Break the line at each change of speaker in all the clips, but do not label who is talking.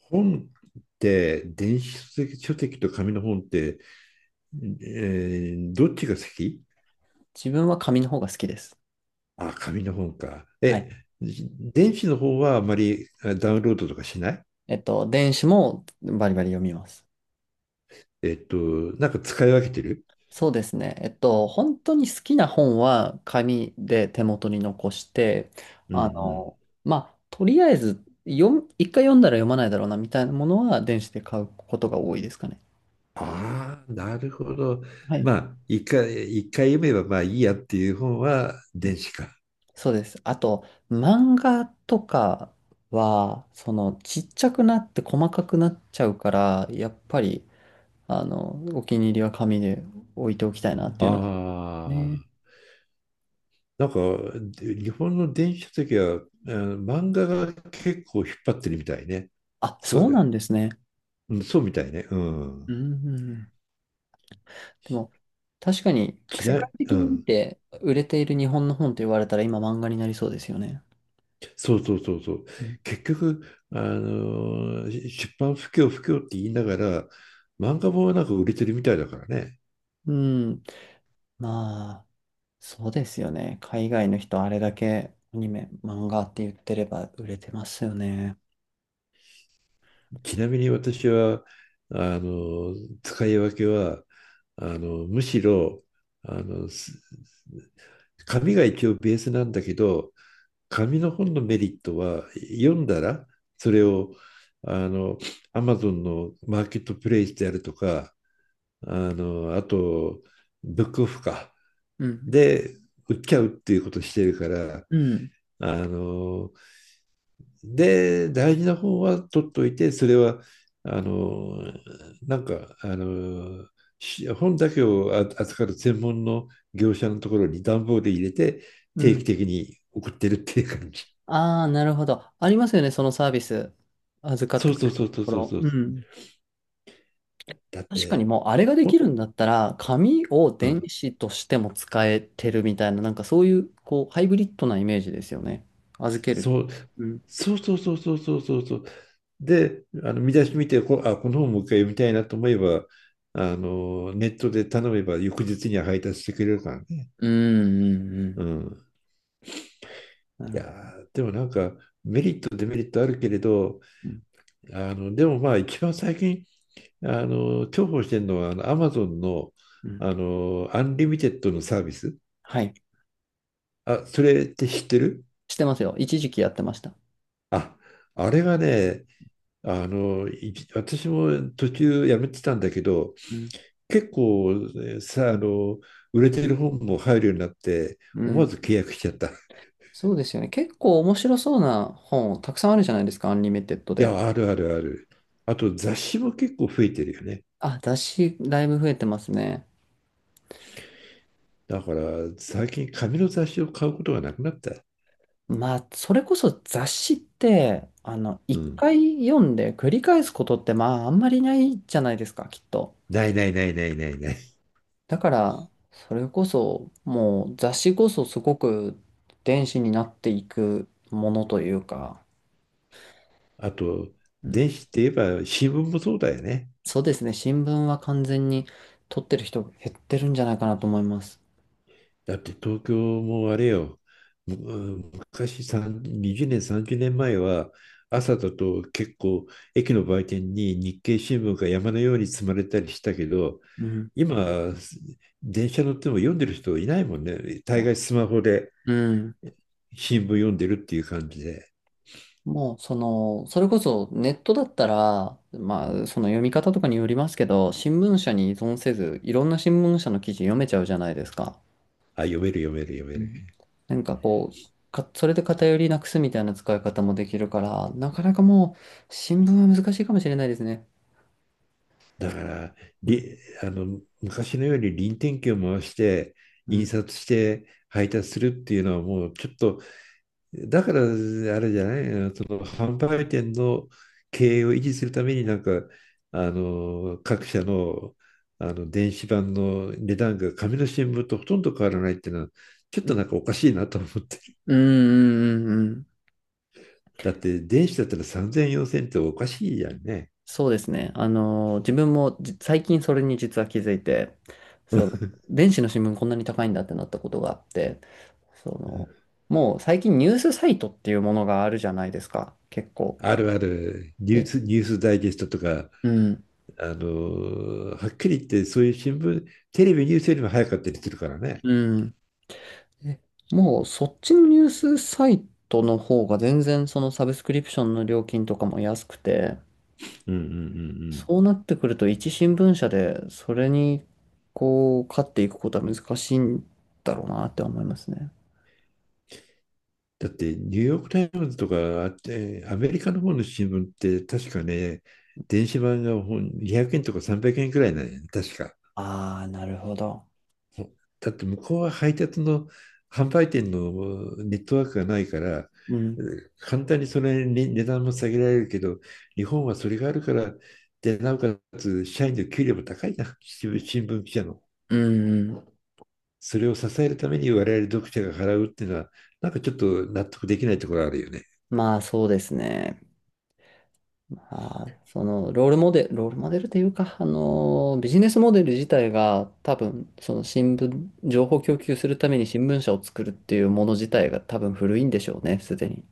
本って電子書籍と紙の本って、どっちが先？
自分は紙の方が好きです。
あ、紙の本か。
はい。
え、電子の方はあまりダウンロードとかしない。
電子もバリバリ読みます。
えっと、なんか使い分けてる？
そうですね。本当に好きな本は紙で手元に残して、
うんうん。
とりあえず読む、一回読んだら読まないだろうなみたいなものは電子で買うことが多いですかね。
ああ、なるほど。
はい。
まあ、一回読めばまあいいやっていう本は
うん。
電子か。
そうです。あと、漫画とかは、その、ちっちゃくなって細かくなっちゃうから、やっぱり、あの、お気に入りは紙で置いておきたいなって
あ
いうの
あ、
ねえ。
なんか、で日本の電子書籍は、あの漫画が結構引っ張ってるみたいね。
あ、
そ
そうなん
う、
ですね。
うん、そうみたいね。う
う
ん。
ん、でも、確かに、世
嫌
界
い、う
的に見
ん。
て売れている日本の本と言われたら今漫画になりそうですよね。
そうそうそうそう。
うん。
結局、出版不況って言いながら、漫画もなんか売れてるみたいだからね。
うん。まあ、そうですよね。海外の人あれだけアニメ、漫画って言ってれば売れてますよね。
ちなみに私は、あの使い分けは、むしろ、あのーす紙が一応ベースなんだけど、紙の本のメリットは、読んだら、それを、あの、Amazon のマーケットプレイスであるとか、あと、ブックオフか。
うん。
で、売っちゃうっていうことをしてるから、
うん。
あの、で、大事な本は取っといて、それは、あの、なんか、本だけを扱う専門の業者のところに段ボールで入れて、
う
定
ん。
期的に送ってるっていう感じ。
ああ、なるほど。ありますよね、そのサービス。預かっ
そ
て
う
く
そう
れる
そう
と
そう
こ
そう
ろ。
そう。
うん。
だっ
確か
て、
にもうあれがで
ほ
き
ん
るんだったら、紙を
う
電
ん
子としても使えてるみたいな、なんかそういう、こう、ハイブリッドなイメージですよね。預ける。
そう、
うん。
そうそうそうそうそうそうそう。で、あの見出し見てあ、この本もう一回読みたいなと思えば、ネットで頼めば翌日には配達してくれるからね。
うん、うん、う
う
ん。
ん。
な
い
る
や
ほど。
ー、でもなんかメリット、デメリットあるけれど、
うん、
でもまあ一番最近、重宝してるのは、アマゾンの、
うん。
アンリミテッドのサービス。
はい。
あ、それって知ってる？
してますよ。一時期やってました。
あ、あれがね、私も途中やめてたんだけど、
うん。
結構ねさ、あの、売れてる本も入るようになって、
う
思わ
ん。
ず契約しちゃった。い
そうですよね。結構面白そうな本、たくさんあるじゃないですか、アンリミテッドで。
や、あるあるある。あと雑誌も結構増えてるよね。
あ、雑誌、だいぶ増えてますね。
だから最近紙の雑誌を買うことがなくなった。
まあ、それこそ雑誌って、あの、
う
一
ん。
回読んで繰り返すことって、まあ、あんまりないじゃないですか、きっと。
ないないないないないない。
だから、それこそ、もう雑誌こそすごく電子になっていくものというか、
あと、
うん、
電子って言えば新聞もそうだよね。
そうですね、新聞は完全に取ってる人減ってるんじゃないかなと思います。
だって東京もあれよ、昔3 20年、30年前は朝だと結構駅の売店に日経新聞が山のように積まれたりしたけど、
うん。
今、電車乗っても読んでる人いないもんね。
い
大
や、
概スマホで
うん。
新聞読んでるっていう感じで、
もう、その、それこそネットだったら、まあ、その読み方とかによりますけど、新聞社に依存せず、いろんな新聞社の記事読めちゃうじゃないですか。
あ、読める読める読
う
め
ん。
る。
なんかこう、か、それで偏りなくすみたいな使い方もできるから、なかなかもう、新聞は難しいかもしれないですね。
だから、
うん、
りあの昔のように臨転機を回して、
う
印
ん、
刷して配達するっていうのはもうちょっと。だから、あれじゃない、その販売店の経営を維持するために、なんか、各社の、電子版の値段が紙の新聞とほとんど変わらないっていうのは、ちょっ
う
と
ん、
なんかおかしいなと思って。
うん、うん、うん。うん、
だって、電子だったら三千四千っておかしいじゃんね。
そうですね。あの、自分も最近それに実は気づいて、そう、電子の新聞こんなに高いんだってなったことがあって、その、もう最近ニュースサイトっていうものがあるじゃないですか、結構。
あるある、
で、
ニュースダイジェストとか、
うん、
はっきり言って、そういう新聞、テレビニュースよりも早かったりするからね。
うん。でもうそっちのニュースサイトの方が全然そのサブスクリプションの料金とかも安くて、
うんうんうんうん。
そうなってくると一新聞社でそれにこう、勝っていくことは難しいんだろうなって思いますね。
だってニューヨーク・タイムズとか、あってアメリカの方の新聞って確かね、電子版が200円とか300円くえんくらいなんやね、確か。
ああ、なるほど。
だって向こうは配達の販売店のネットワークがないから、
うん。
簡単にそれにね値段も下げられるけど、日本はそれがあるから、で、なおかつ社員の給料も高いな、新聞記者の。
うん、うん。
それを支えるために我々読者が払うっていうのは、なんかちょっと納得できないところあるよね。
まあ、そうですね。まあ、そのロールモデル、ロールモデルというか、あの、ビジネスモデル自体が多分、その新聞、情報供給するために新聞社を作るっていうもの自体が多分古いんでしょうね、すでに。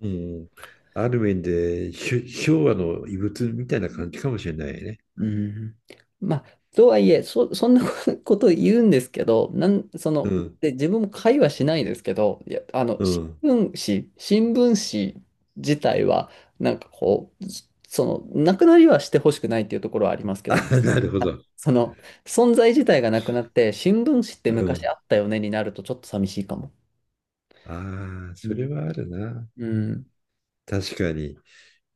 うん。ある面で、昭和の遺物みたいな感じかもしれないね。
うん。まあ、とはいえ、そ、そんな こと言うんですけど、なん、そ
う
の、
ん。
で、自分も会話しないですけど、いや、あの、
うん。
新聞紙自体は、なんかこう、その、なくなりはしてほしくないっていうところはありますけど、
なるほ
あ、
ど。
その、存在自体がなくなって、新聞紙って
う
昔あ
ん。
ったよねになると、ちょっと寂しいかも。
ああ、
う
それ
ん。
はあるな。
うん。
確かに。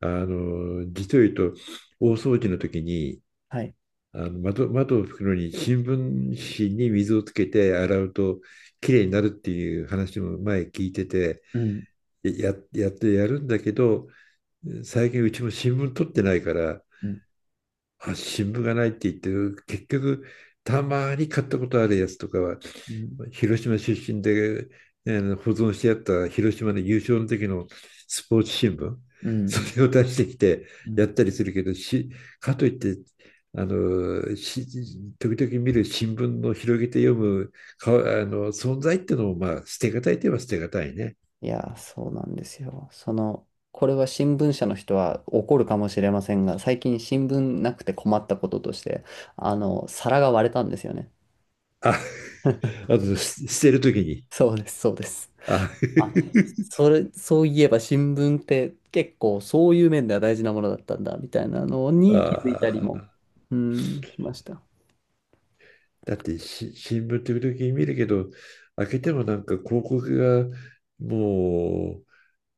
実を言うと、大掃除の時に、
はい。
あの窓を拭くのに新聞紙に水をつけて洗うときれいになるっていう話も前聞いてて、
うん。
やってやるんだけど、最近うちも新聞取ってないから、
うん。
新聞がないって言ってる、結局、たまに買ったことあるやつとかは、
うん。
広島出身で、ね保存してあった広島の優勝の時のスポーツ新聞、
うん。
それを出してきて
うん。
やったりするけど、かといって、あのし時々見る新聞の広げて読むあの存在っていうのも、まあ、捨てがたいといえば捨てがたいね。
いや、そうなんですよ。その、これは新聞社の人は怒るかもしれませんが、最近新聞なくて困ったこととして、あの、皿が割れたんですよね。
あ、あと、捨てる時に。
そうです、そうです。
あ。
あ、それ、そういえば新聞って結構そういう面では大事なものだったんだ、みたいなの に気づいたりも、
あ。
うん、しました。
だって新聞時々見るけど、開けてもなんか広告がも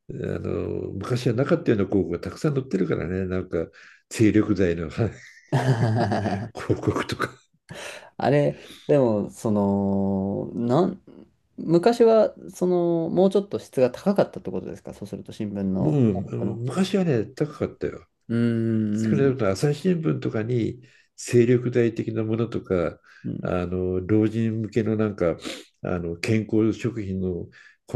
う、昔はなかったような広告がたくさん載ってるからね、なんか、精力剤の 広 告とか。
あれ、でも、その、なん、昔は、その、もうちょっと質が高かったってことですかそうすると、新聞
も
の、こ
う
の、
昔はね、高かったよ。
うー
少な
ん、
くとも朝日新聞とかに精力剤的なものとか、
うん、
老人向けのなんか、健康食品の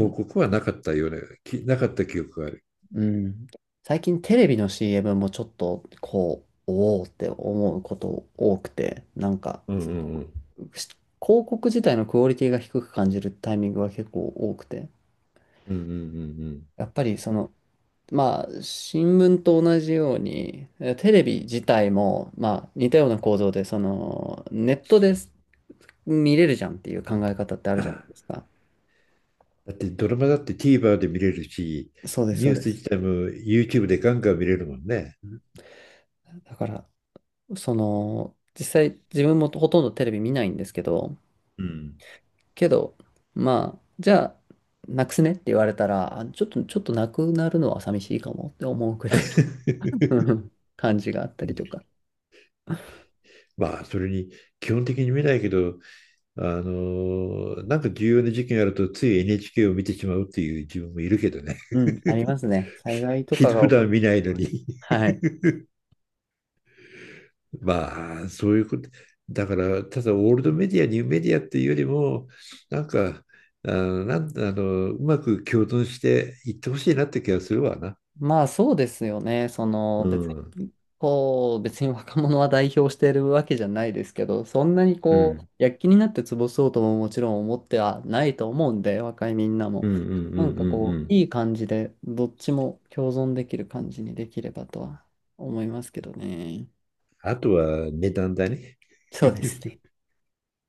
うん、
告はなかったような、なかった記憶がある。
うん、最近テレビの CM もちょっと、こう、おおって思うこと多くて、なんか、
うんうんうん。
し広告自体のクオリティが低く感じるタイミングが結構多くて、
うんうんうん
やっぱりその、まあ、新聞と同じように、えテレビ自体も、まあ、似たような構造で、その、ネットで見れるじゃんっていう考え方ってあ
う
るじゃない
ん。
ですか。
だってドラマだって TVer で見れるし、
そうです、
ニ
そ
ュ
う
ー
で
ス
す。
自体も YouTube でガンガン見れるもんね。
うん、だから、その、実際自分もほとんどテレビ見ないんですけど、
うん。
けど、まあ、じゃあ、なくすねって言われたら、あちょっと、ちょっとなくなるのは寂しいかもって思うくらい の 感じがあったりとか。
まあ、それに基本的に見ないけど、なんか重要な事件あるとつい NHK を見てしまうっていう自分もいるけどね。
うん、あり ますね。災害とかが
普
起こ
段
る。
見ないのに。
はい。
まあ、そういうこと。だから、ただオールドメディア、ニューメディアっていうよりも、なんか、あの、なん、あの、うまく共存していってほしいなって気がするわな。
まあ、そうですよね。その
う
別
ん。
に、こう、別に若者は代表しているわけじゃないですけど、そんなに
う
こう、
ん
躍起になって潰そうとももちろん思ってはないと思うんで、若いみんな
う
も。
んうんう
なん
んう
か
ん
こ
う
う、
ん。
いい感じで、どっちも共存できる感じにできればとは思いますけどね。
あとは値段だね。
そうですね。